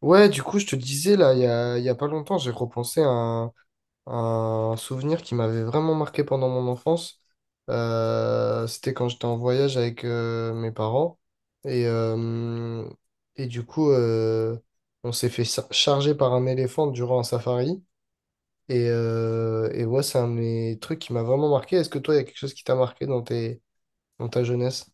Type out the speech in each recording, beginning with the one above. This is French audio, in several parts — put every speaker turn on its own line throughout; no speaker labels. Ouais, du coup, je te disais, là, il y a pas longtemps, j'ai repensé à un souvenir qui m'avait vraiment marqué pendant mon enfance. C'était quand j'étais en voyage avec mes parents. Et, euh, et du coup, on s'est fait charger par un éléphant durant un safari. Et ouais, c'est un de mes trucs qui m'a vraiment marqué. Est-ce que toi, il y a quelque chose qui t'a marqué dans dans ta jeunesse?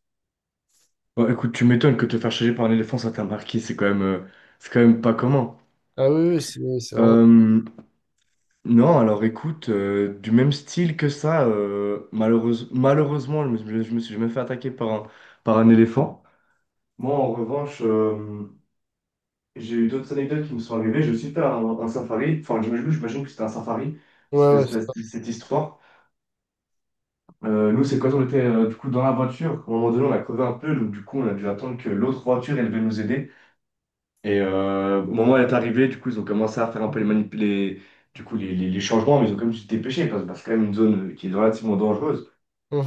Bon, écoute, tu m'étonnes que te faire charger par un éléphant, ça t'a marqué, c'est quand même pas commun.
Ah oui, oui, c'est vraiment...
Euh, non, alors écoute, du même style que ça, malheureusement, je me suis jamais fait attaquer par un éléphant. Moi, en revanche, j'ai eu d'autres anecdotes qui me sont arrivées. J'ai aussi fait un safari, enfin, j'imagine que c'était un safari,
Ouais, ouais, c'est ça.
c'était cette histoire. Nous, c'est quand on était du coup dans la voiture, à un moment donné, on a crevé un peu, donc du coup, on a dû attendre que l'autre voiture, elle devait nous aider. Au moment où elle est arrivée, du coup, ils ont commencé à faire un peu les, manip- les, du coup, les changements, mais ils ont quand même dû se dépêcher parce que c'est quand même une zone qui est relativement dangereuse.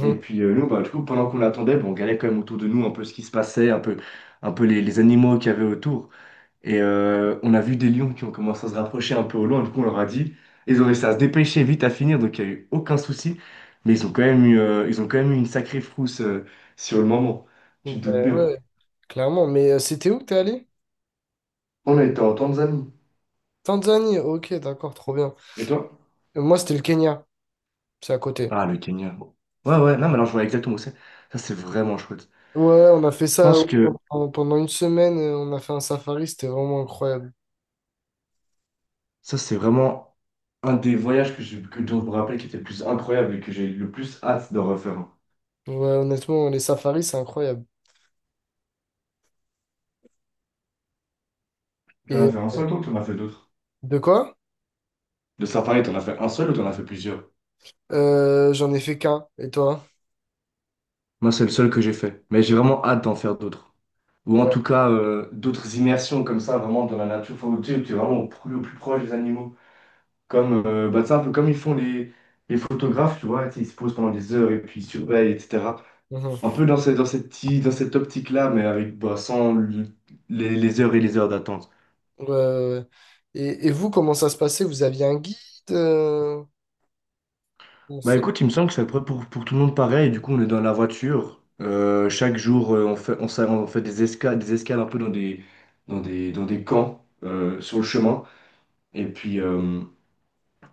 Et puis nous, bah, du coup, pendant qu'on l'attendait, bah, on regardait quand même autour de nous un peu ce qui se passait, les animaux qu'il y avait autour. On a vu des lions qui ont commencé à se rapprocher un peu au loin, du coup, on leur a dit. Ils ont réussi à se dépêcher vite à finir, donc il n'y a eu aucun souci. Mais ils ont quand même eu une sacrée frousse sur le moment.
Ben
Tu te doutes
ouais,
bien.
ouais, clairement. Mais c'était où que t'es allé?
On a été en Tanzanie.
Tanzanie, ok, d'accord, trop bien.
Et toi?
Moi, c'était le Kenya, c'est à côté.
Ah, le Kenya. Ouais, ouais, non, mais alors je vois exactement où c'est. Ça, c'est vraiment chouette.
Ouais, on a fait
Je
ça
pense
ouais,
que
pendant une semaine, on a fait un safari, c'était vraiment incroyable.
ça, c'est vraiment un des voyages que dont je me rappelle qui était le plus incroyable et que j'ai le plus hâte de refaire. Un.
Ouais, honnêtement, les safaris, c'est incroyable. Et
T'en as fait un seul, toi, ou t'en as fait d'autres?
de quoi?
De safari, t'en as fait un seul ou t'en as fait plusieurs?
J'en ai fait qu'un, et toi?
Moi, c'est le seul que j'ai fait. Mais j'ai vraiment hâte d'en faire d'autres. Ou en
Ouais.
tout cas, d'autres immersions comme ça, vraiment dans la nature. Faut, tu sais, t'es vraiment au plus proche des animaux. Comme, bah, c'est un peu comme ils font les photographes, tu vois. Tu sais, ils se posent pendant des heures et puis ils surveillent, etc.
Mhm.
Un peu dans cette, dans cette optique-là, mais avec bah, sans le- les heures et les heures d'attente.
Ouais, ouais, ouais. Et vous, comment ça se passait? Vous aviez un guide? euh, ou
Bah
c'est-
écoute, il me semble que c'est à peu près pour tout le monde pareil. Du coup, on est dans la voiture. Chaque jour, on fait des escales, un peu dans des, dans des camps sur le chemin. Et puis, euh,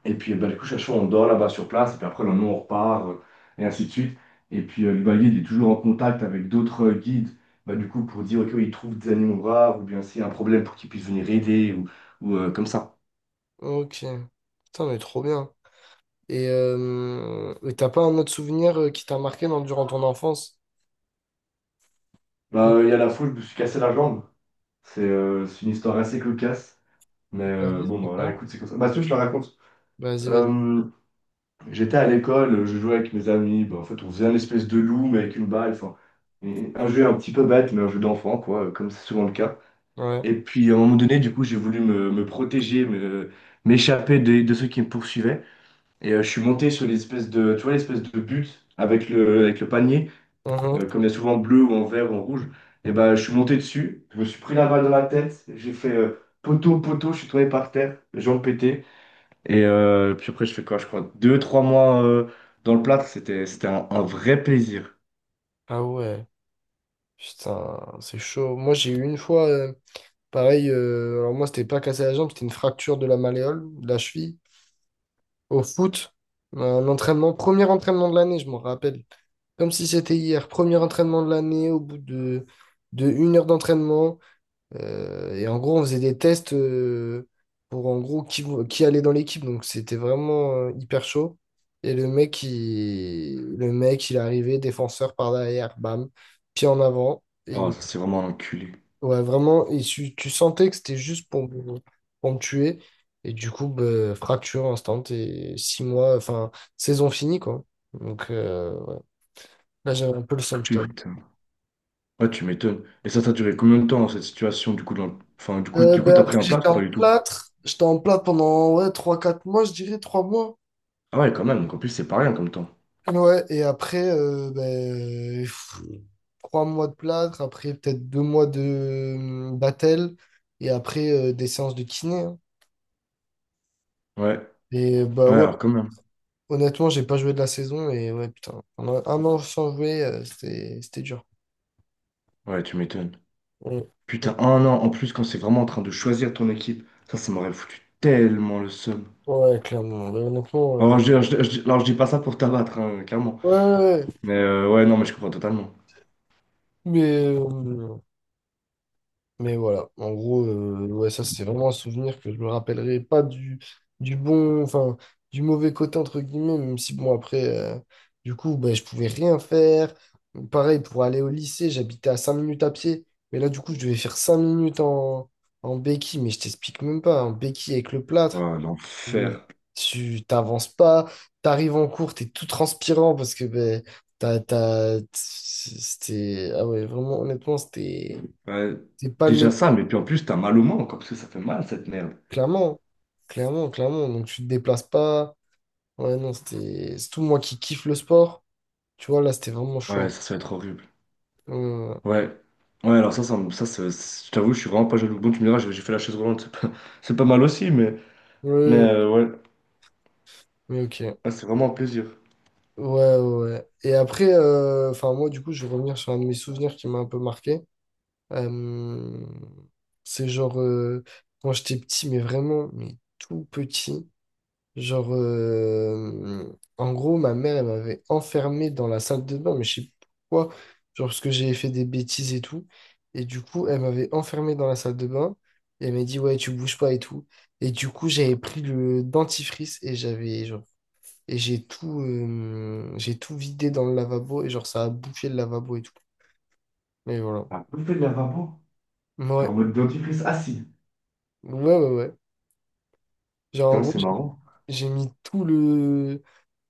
Et puis, bah, du coup, chaque fois, on dort là-bas sur place, et puis après, le lendemain, on repart, et ainsi de suite. Et puis, le guide est toujours en contact avec d'autres guides, bah, du coup, pour dire, OK, oui, ils trouvent des animaux rares, ou bien s'il y a un problème pour qu'ils puissent venir aider, comme ça.
Ok. Putain, mais trop bien. Et t'as pas un autre souvenir qui t'a marqué durant ton enfance?
Bah,
Mhm.
il y a la fois où je me suis cassé la jambe. C'est une histoire assez cocasse, mais
Vas-y,
bon, bah, voilà,
explique-moi.
écoute, c'est comme ça. Bah, si, tu veux, je te la raconte.
Vas-y.
Euh, J'étais à l'école, je jouais avec mes amis, bah, en fait, on faisait une espèce de loup, mais avec une balle, enfin, et un jeu un petit peu bête, mais un jeu d'enfant, quoi, comme c'est souvent le cas.
Ouais.
Et puis à un moment donné, du coup, j'ai voulu me protéger, m'échapper de ceux qui me poursuivaient. Je suis monté sur l'espèce de, tu vois, l'espèce de but avec avec le panier,
Mhm.
comme il y a souvent en bleu ou en vert ou en rouge. Et ben, je suis monté dessus, je me suis pris la balle dans la tête, j'ai fait poteau, poteau, je suis tombé par terre, jambes pétées. Puis après, je fais quoi? Je crois 2, 3 mois dans le plâtre, c'était un vrai plaisir.
Ah ouais. Putain, c'est chaud. Moi, j'ai eu une fois, pareil, alors moi, c'était pas cassé la jambe, c'était une fracture de la malléole, de la cheville, au foot. Un entraînement, premier entraînement de l'année, je m'en rappelle. Comme si c'était hier, premier entraînement de l'année, de 1 heure d'entraînement. Et en gros, on faisait des tests pour en gros qui allait dans l'équipe. Donc c'était vraiment hyper chaud. Et le mec, il est arrivé, défenseur par derrière, bam, pied en avant.
Oh, c'est vraiment un enculé.
Ouais, vraiment, et tu sentais que c'était juste pour me tuer. Et du coup, bah, fracture instant et 6 mois, enfin, saison finie, quoi. Donc ouais. Là, j'avais un peu le seum, je t'avoue.
Putain. Ouais, tu m'étonnes. Et ça a duré combien de temps, cette situation, du coup, dans... enfin, du coup,
Ben,
t'as
après,
pris un
j'étais
plâtre ou
en
pas du tout?
plâtre. J'étais en plâtre pendant ouais, je dirais 3 mois.
Ah ouais, quand même, donc en plus, c'est pas rien comme temps.
Ouais, et après, ben, pff, 3 mois de plâtre, après peut-être 2 mois de battel, et après des séances de kiné, hein.
Ouais,
Et bah
ouais,
ouais,
alors quand même.
honnêtement, j'ai pas joué de la saison, et ouais, putain, pendant 1 an sans jouer, c'était dur.
Ouais, tu m'étonnes.
Ouais,
Putain, un an en plus quand c'est vraiment en train de choisir ton équipe, ça m'aurait foutu tellement le seum.
ouais, clairement. Ouais, honnêtement,
Alors, je dis pas ça pour t'abattre, hein, clairement.
ouais, ouais, ouais.
Mais ouais, non, mais je comprends totalement.
mais, euh, Mais voilà, en gros, ouais, ça c'est vraiment un souvenir que je me rappellerai pas du bon, enfin, du mauvais côté entre guillemets, même si bon, après, euh, du coup, ben, je pouvais rien faire. Pareil, pour aller au lycée, j'habitais à 5 minutes à pied, mais là, du coup, je devais faire en béquille, mais je t'explique même pas, en béquille avec le plâtre.
Ouais,
Oui.
l'enfer.
Tu t'avances pas, t'arrives en cours, t'es tout transpirant parce que ben, ah ouais, vraiment, honnêtement,
Ouais,
c'était pas le
déjà
meilleur.
ça, mais puis en plus, t'as mal au manque, hein, parce que ça fait mal, cette merde.
Clairement, clairement, clairement. Donc tu te déplaces pas. Ouais, non, c'était. C'est tout moi qui kiffe le sport. Tu vois, là, c'était vraiment
Ouais,
chaud.
ça va être horrible.
Euh,
Ouais. Ouais, alors ça, je t'avoue, je suis vraiment pas jaloux. Bon, tu me diras, j'ai fait la chaise roulante, c'est pas, c'est pas mal aussi,
oui,
ouais,
mais ok.
Ah, c'est vraiment un plaisir.
Ouais, ouais, ouais. Et après, enfin, moi, du coup, je vais revenir sur un de mes souvenirs qui m'a un peu marqué. Euh, c'est genre, quand j'étais petit, mais vraiment, mais tout petit. Genre, euh, En gros, ma mère, elle m'avait enfermé dans la salle de bain, mais je sais pas pourquoi, genre parce que j'avais fait des bêtises et tout. Et du coup, elle m'avait enfermé dans la salle de bain et elle m'a dit, ouais, tu bouges pas et tout. Et du coup, j'avais pris le dentifrice et j'ai j'ai tout vidé dans le lavabo et genre, ça a bouffé le lavabo et tout. Mais voilà.
Ah, vous faites de la vapeur? Genre en
Ouais,
mode dentifrice assis.
ouais, ouais, ouais. Genre, en
Putain,
gros,
c'est
j'ai
marrant.
j'ai mis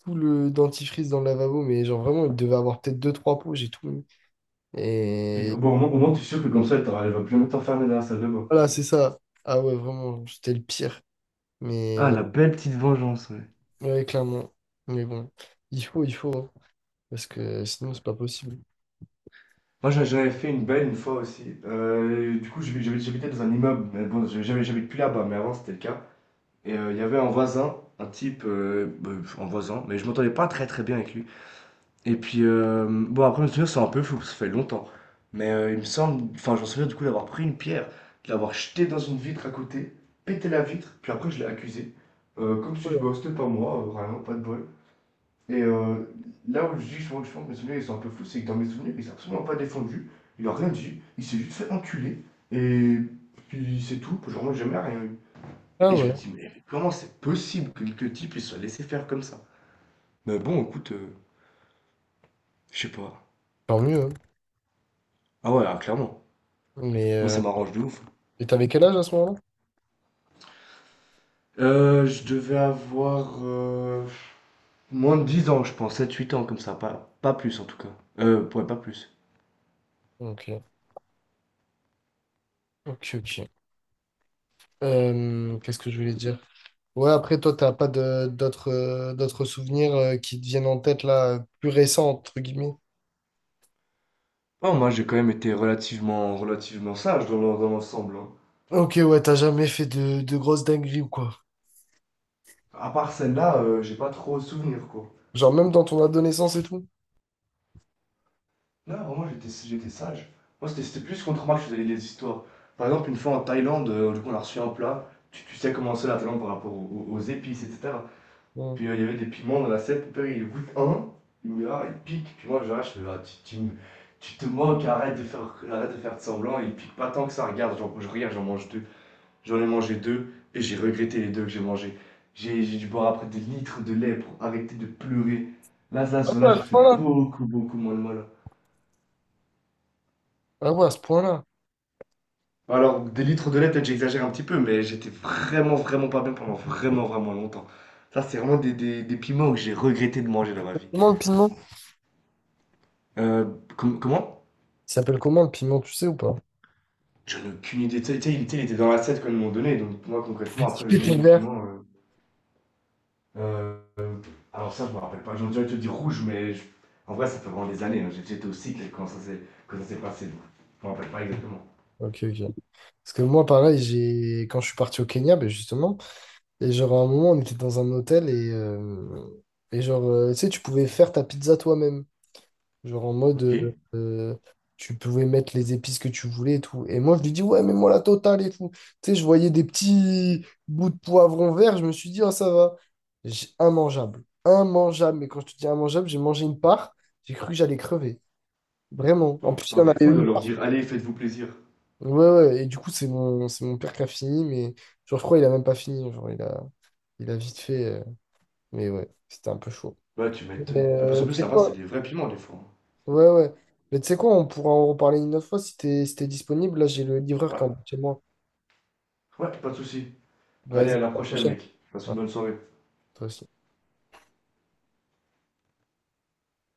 tout le dentifrice dans le lavabo, mais genre vraiment, il devait avoir peut-être 2, 3 pots, j'ai tout mis.
Putain,
Et
bon, au moins, tu es sûr que comme ça, elle va plus jamais t'enfermer dans la salle de bain.
voilà, c'est ça. Ah ouais, vraiment, c'était le pire. Mais
Ah,
ouais,
la belle petite vengeance, ouais.
ouais, clairement. Mais bon, il faut, hein, parce que sinon, c'est pas possible.
Moi, j'avais fait une belle une fois aussi. Du coup, j'habitais dans un immeuble, mais bon, j'habite plus là-bas, mais avant, c'était le cas. Il y avait un voisin, un type, bah, un voisin, mais je m'entendais pas très très bien avec lui. Et puis, bon, après, me souvenir, c'est un peu flou, parce que ça fait longtemps. Mais il me semble, enfin, j'en souviens du coup d'avoir pris une pierre, de l'avoir jetée dans une vitre à côté, pété la vitre, puis après, je l'ai accusé. Comme si
Ouais.
je bah, c'était pas moi, vraiment, pas de bol. Et euh, Là où je dis souvent que je pense que mes souvenirs ils sont un peu fous, c'est que dans mes souvenirs, il s'est absolument pas défendu, il a rien dit, il s'est juste fait enculer, et puis c'est tout, genre, moi, j'ai jamais rien eu.
Ah
Et je
ouais,
me dis, mais comment c'est possible que le type il soit laissé faire comme ça? Mais bon, écoute, je sais pas.
tant mieux, hein.
Ah ouais, alors, clairement.
Mais
Moi, ça m'arrange de ouf.
et t'avais quel âge à ce moment-là?
Je devais avoir moins de 10 ans, je pense, 7 8 ans comme ça, pas plus en tout cas. Ouais, pas plus.
Ok, ok, ok. Qu'est-ce que je voulais dire? Ouais, après, toi, t'as pas de d'autres d'autres souvenirs qui te viennent en tête là, plus récents, entre guillemets.
Oh, moi j'ai quand même été relativement, relativement sage dans dans l'ensemble, hein.
Ok, ouais, t'as jamais fait de grosses dingueries ou quoi?
À part celle-là, j'ai pas trop souvenir quoi.
Genre même dans ton adolescence et tout.
Non, vraiment j'étais sage. Moi c'était plus contre moi que je faisais les histoires. Par exemple, une fois en Thaïlande, du coup on a reçu un plat. Tu sais comment c'est la Thaïlande par rapport aux épices, etc.
Ouais.
Puis il y avait des piments dans l'assiette. Mon père, il goûte un, il me dit, ah, il pique. Puis moi, je regarde, fais, ah, tu te moques, arrête de faire de semblant. Il pique pas tant que ça. Regarde, je regarde, j'en mange deux. J'en ai mangé deux et j'ai regretté les deux que j'ai mangés. J'ai dû boire après des litres de lait pour arrêter de pleurer. Là, là,
Ah
ce là
ouais,
j'ai
à ce
fait
point-là.
beaucoup, beaucoup moins de mal.
Ah ouais, à ce point-là.
Alors, des litres de lait, peut-être j'exagère un petit peu, mais j'étais vraiment, vraiment pas bien pendant vraiment, vraiment longtemps. Ça, c'est vraiment des piments que j'ai regretté de manger dans ma vie.
Comment le piment?
Euh, Comment?
Il s'appelle comment le piment, tu sais ou pas?
J'en ai aucune idée. Tu sais, il était dans la 7 quand ils m'ont donné. Donc, pour moi, concrètement, après, le nom
Pépé
du
vert.
piment. Euh, alors, ça, je me rappelle pas. J'en dirais te dire rouge, mais en vrai, ça fait vraiment des années, hein. J'étais au cycle quand ça s'est passé. Donc, je me rappelle pas exactement.
Ok, ok. Parce que moi, pareil, j'ai quand je suis parti au Kenya, ben justement, et genre à un moment, on était dans un hôtel et genre, tu sais, tu pouvais faire ta pizza toi-même. Genre en mode,
Ok.
euh, tu pouvais mettre les épices que tu voulais et tout. Et moi, je lui dis, ouais, mais moi la totale et tout. Tu sais, je voyais des petits bouts de poivron vert, je me suis dit, ah, ça va. Immangeable. Immangeable. Mais quand je te dis immangeable, j'ai mangé une part, j'ai cru que j'allais crever. Vraiment. En plus, il
Putain,
y en
t'es
avait
fou de
une
leur
part.
dire, allez, faites-vous plaisir.
Ouais, ouais. Et du coup, c'est c'est mon père qui a fini, mais genre, je crois qu'il a même pas fini. Il a vite fait. Mais ouais, c'était un peu chaud.
Ouais, tu
Mais,
m'étonnes. Mais parce qu'en
tu
plus,
sais
là-bas, c'est
quoi?
des vrais piments, des fois, hein.
Ouais, ouais. Mais tu sais quoi, on pourra en reparler une autre fois si t'es si t'es disponible. Là, j'ai le livreur qui est en bas
Ouais.
de chez moi.
Ouais, pas de soucis. Allez,
Vas-y,
à la
à la
prochaine,
prochaine.
mec. Passe
Ouais,
une bonne soirée.
toi aussi.